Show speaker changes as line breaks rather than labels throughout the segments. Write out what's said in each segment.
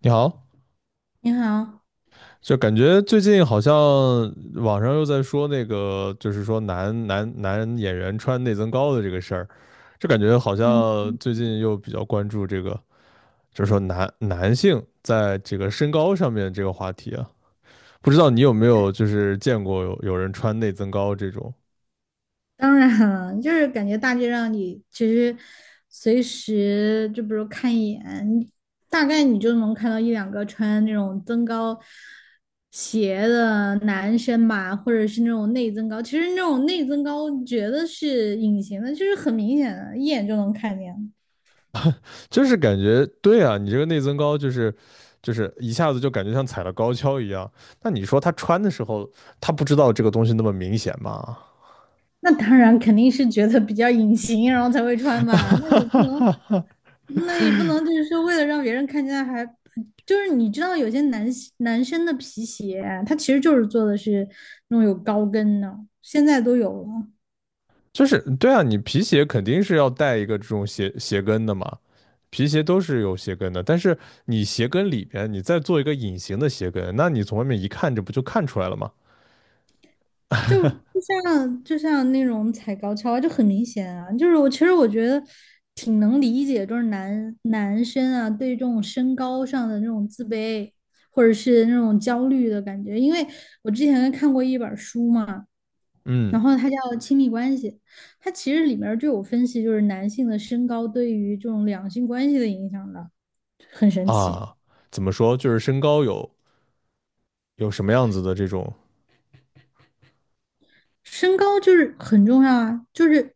你好，
你好，
就感觉最近好像网上又在说那个，就是说男演员穿内增高的这个事儿，就感觉好
嗯，
像最近又比较关注这个，就是说男性在这个身高上面这个话题啊，不知道你有没有就是见过有人穿内增高这种，
当然了，就是感觉大街上你其实随时就比如看一眼，你大概你就能看到一两个穿那种增高鞋的男生吧，或者是那种内增高。其实那种内增高觉得是隐形的，就是很明显的，一眼就能看见。
就是感觉对啊，你这个内增高就是一下子就感觉像踩了高跷一样，那你说他穿的时候，他不知道这个东西那么明显吗？
那当然肯定是觉得比较隐形，然后才会穿吧。那也不能就是为了让别人看见，就是你知道有些男生的皮鞋啊，他其实就是做的是那种有高跟的，现在都有了，
就是对啊，你皮鞋肯定是要带一个这种鞋跟的嘛，皮鞋都是有鞋跟的，但是你鞋跟里边你再做一个隐形的鞋跟，那你从外面一看，这不就看出来了吗？
就就就像那种踩高跷啊，就很明显啊。就是我其实觉得挺能理解，就是男生啊对这种身高上的那种自卑或者是那种焦虑的感觉，因为我之前看过一本书嘛。
嗯
然后它叫亲密关系，它其实里面儿就有分析，就是男性的身高对于这种两性关系的影响的，很神奇。
啊，怎么说，就是身高有什么样子的这种，
身高就是很重要啊，就是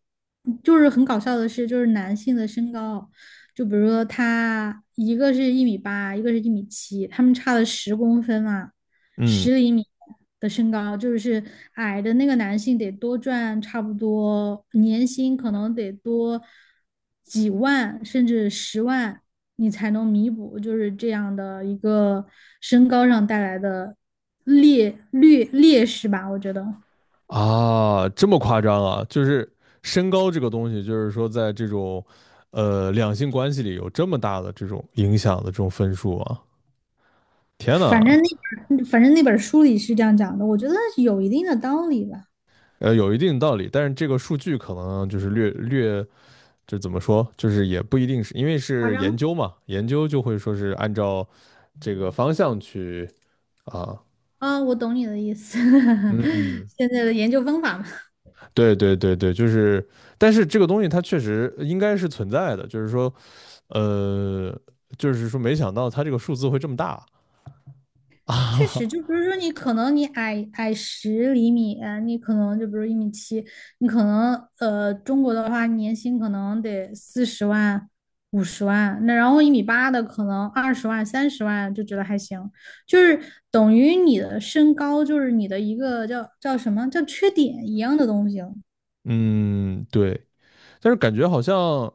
就是很搞笑的事，就是男性的身高，就比如说他一个是一米八，一个是一米七，他们差了10公分嘛，
嗯
十厘米的身高，就是矮的那个男性得多赚差不多年薪可能得多几万甚至十万，你才能弥补就是这样的一个身高上带来的劣势吧，我觉得。
啊，这么夸张啊，就是身高这个东西，就是说在这种两性关系里有这么大的这种影响的这种分数啊，天呐！
反正那本书里是这样讲的，我觉得有一定的道理吧。
有一定道理，但是这个数据可能就是略，就怎么说，就是也不一定是因为
夸
是研
张
究嘛，研究就会说是按照这个方向去啊。
啊，我懂你的意思。
嗯，
现在的研究方法嘛，
对对对对，就是，但是这个东西它确实应该是存在的，就是说，呃，就是说没想到它这个数字会这么大
确实
啊。
就比如说你可能矮十厘米，你可能就比如一米七，你可能中国的话年薪可能得40万、50万，那然后一米八的可能20万、30万就觉得还行，就是等于你的身高就是你的一个叫什么叫缺点一样的东西。
嗯，对，但是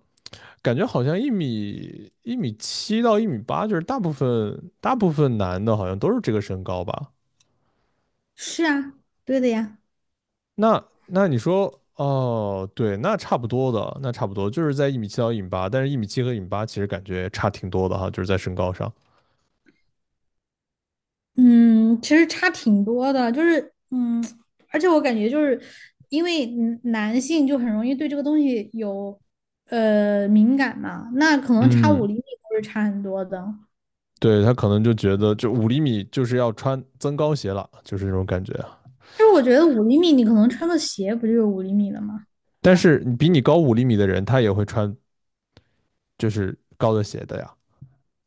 感觉好像一米七到一米八，就是大部分男的好像都是这个身高吧？
是啊，对的呀。
那你说哦，对，那差不多的，那差不多就是在一米七到一米八，但是一米七和一米八其实感觉差挺多的哈，就是在身高上。
嗯，其实差挺多的，就是而且我感觉就是因为男性就很容易对这个东西有敏感嘛，那可能差五
嗯，
厘米都是差很多的。
对，他可能就觉得就五厘米就是要穿增高鞋了，就是这种感觉啊。
就是我觉得五厘米，你可能穿个鞋不就是五厘米了吗？对
但
吧？
是比你高五厘米的人，他也会穿就是高的鞋的呀。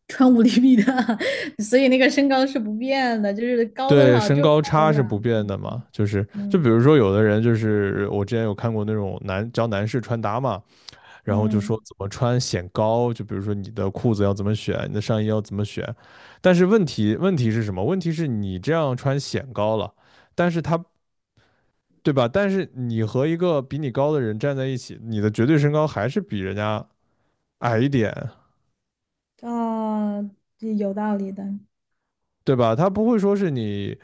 穿五厘米的，所以那个身高是不变的，就是高多
对，
少
身
就是
高
高
差
多少。
是不变
嗯
的嘛，就是就
嗯
比如说有的人就是我之前有看过那种男士穿搭嘛，然后就说
嗯，
怎么穿显高，就比如说你的裤子要怎么选，你的上衣要怎么选，但是问题是什么？问题是你这样穿显高了，但是他对吧？但是你和一个比你高的人站在一起，你的绝对身高还是比人家矮一点，
哦，有道理的。
对吧？他不会说是你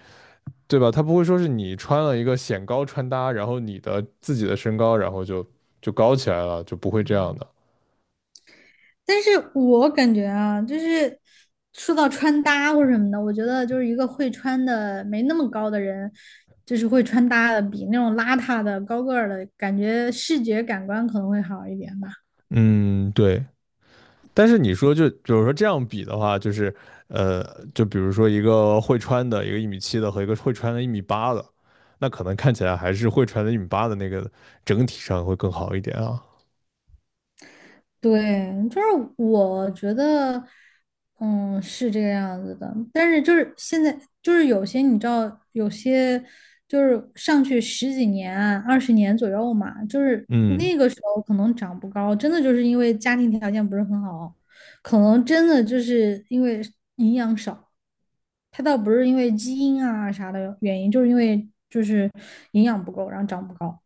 对吧？他不会说是你穿了一个显高穿搭，然后你的自己的身高，然后就高起来了，就不会这样的。
但是我感觉啊，就是说到穿搭或者什么的，我觉得就是一个会穿的没那么高的人，就是会穿搭的比那种邋遢的高个儿的感觉，视觉感官可能会好一点吧。
嗯，对。但是你说就比如说这样比的话，就是呃，就比如说一个会穿的，一个一米七的和一个会穿的一米八的，那可能看起来还是会穿的一米八的那个整体上会更好一点啊。
对，就是我觉得，嗯，是这个样子的。但是就是现在，就是有些你知道，有些就是上去十几年啊20年左右嘛，就是
嗯
那个时候可能长不高，真的就是因为家庭条件不是很好，可能真的就是因为营养少。它倒不是因为基因啊啥的原因，就是因为就是营养不够，然后长不高。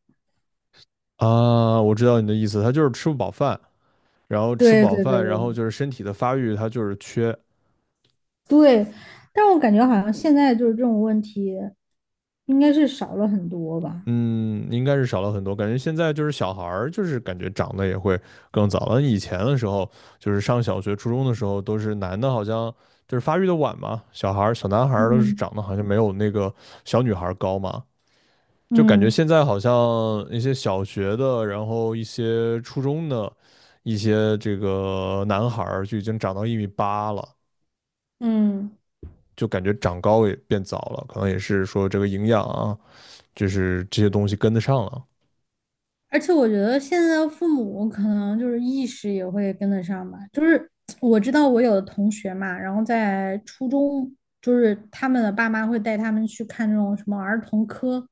啊，我知道你的意思，他就是吃不饱饭，然后吃不
对
饱
对
饭，然后
对
就是身体的发育，他就是缺。
对，但我感觉好像现在就是这种问题，应该是少了很多吧。
嗯，应该是少了很多。感觉现在就是小孩儿，就是感觉长得也会更早了。以前的时候，就是上小学、初中的时候，都是男的，好像就是发育的晚嘛，小孩儿、小男孩儿都是
嗯
长得好像没有那个小女孩儿高嘛。就感觉
嗯
现在好像一些小学的，然后一些初中的，一些这个男孩儿就已经长到一米八了，
嗯，
就感觉长高也变早了，可能也是说这个营养啊，就是这些东西跟得上了。
而且我觉得现在的父母可能就是意识也会跟得上吧。就是我知道我有的同学嘛，然后在初中，就是他们的爸妈会带他们去看这种什么儿童科，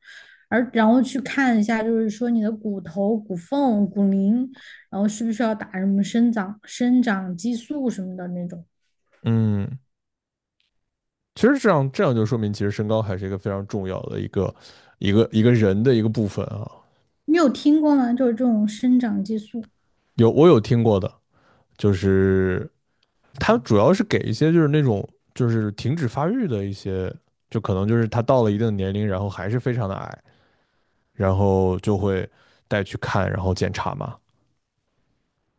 然后去看一下，就是说你的骨头、骨缝、骨龄，然后需不需要打什么生长激素什么的那种。
嗯。其实这样就说明，其实身高还是一个非常重要的一个人的一个部分啊。
你有听过吗？就是这种生长激素，
有，我有听过的，就是他主要是给一些就是那种就是停止发育的一些，就可能就是他到了一定的年龄，然后还是非常的矮，然后就会带去看，然后检查嘛。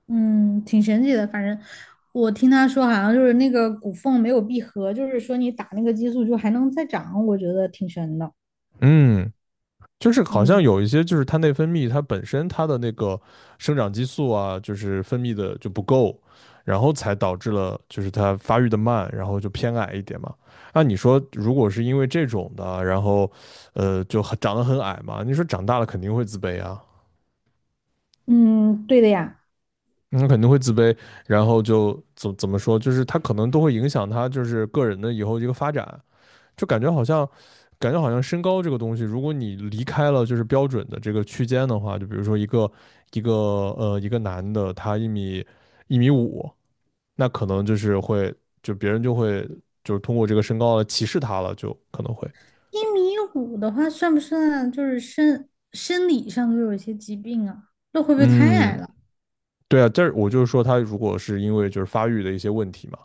嗯，挺神奇的。反正我听他说，好像就是那个骨缝没有闭合，就是说你打那个激素就还能再长，我觉得挺神的。
嗯，就是好像
嗯
有一些就是它内分泌它本身它的那个生长激素啊，就是分泌的就不够，然后才导致了就是它发育的慢，然后就偏矮一点嘛。那你说，如果是因为这种的，然后就很长得很矮嘛，你说长大了肯定会自卑啊，
嗯，对的呀。
那肯定会自卑，然后就怎么说，就是他可能都会影响他就是个人的以后一个发展。就感觉好像，感觉好像身高这个东西，如果你离开了就是标准的这个区间的话，就比如说一个一个男的，他一米五，那可能就是会就别人就会就是通过这个身高来歧视他了，就可能会。
一米五的话，算不算就是生理上都有一些疾病啊？那会不会太矮
嗯，
了？
对啊，但是我就是说他如果是因为就是发育的一些问题嘛。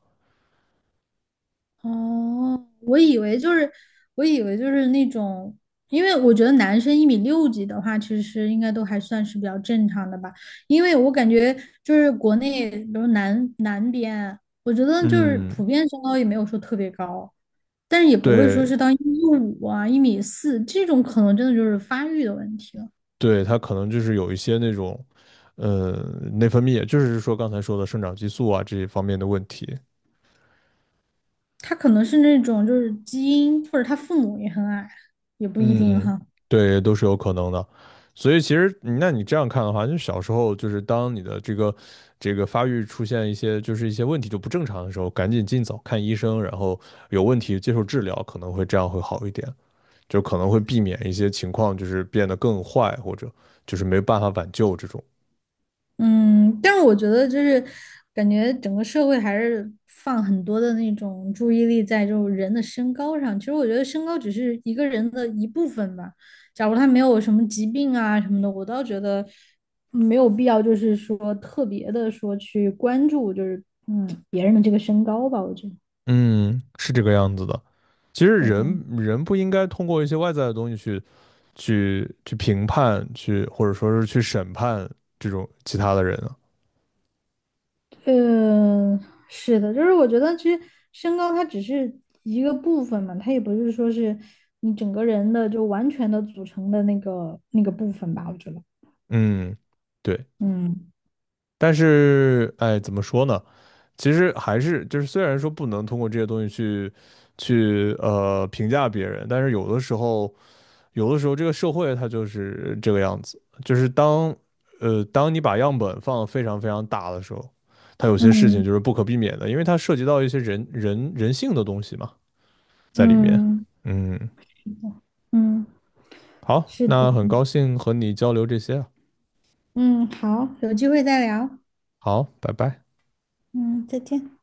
哦，我以为就是那种，因为我觉得男生一米六几的话，其实应该都还算是比较正常的吧。因为我感觉就是国内，比如南边，我觉得就是
嗯，
普遍身高也没有说特别高，但是也不会说
对
是到一米五啊、1.4米这种，可能真的就是发育的问题了。
对，他可能就是有一些那种。呃，内分泌，就是说刚才说的生长激素啊这一方面的问题。
他可能是那种就是基因，或者他父母也很矮，也不一定
嗯，
哈。
对，都是有可能的。所以其实，那你这样看的话，就小时候就是当你的这个发育出现一些就是一些问题就不正常的时候，赶紧尽早看医生，然后有问题接受治疗，可能会这样会好一点，就可能会避免一些情况就是变得更坏，或者就是没办法挽救这种。
嗯，但是我觉得就是感觉整个社会还是放很多的那种注意力在这种人的身高上。其实我觉得身高只是一个人的一部分吧。假如他没有什么疾病啊什么的，我倒觉得没有必要，就是说特别的说去关注就是别人的这个身高吧。我觉得
嗯，是这个样子的。其实
对。
人人不应该通过一些外在的东西去评判，去或者说是去审判这种其他的人啊。
嗯，是的，就是我觉得其实身高它只是一个部分嘛，它也不是说是你整个人的就完全的组成的那个部分吧，我觉得。
嗯，对，
嗯
但是，哎，怎么说呢？其实还是就是，虽然说不能通过这些东西去评价别人，但是有的时候，有的时候这个社会它就是这个样子，就是当你把样本放得非常非常大的时候，它有些事情
嗯
就是不可避免的，因为它涉及到一些人性的东西嘛，在里面。
嗯，
嗯，
是的，嗯，
好，
是的，
那很高兴和你交流这些啊，
嗯，好，有机会再聊，
好，拜拜。
嗯，再见。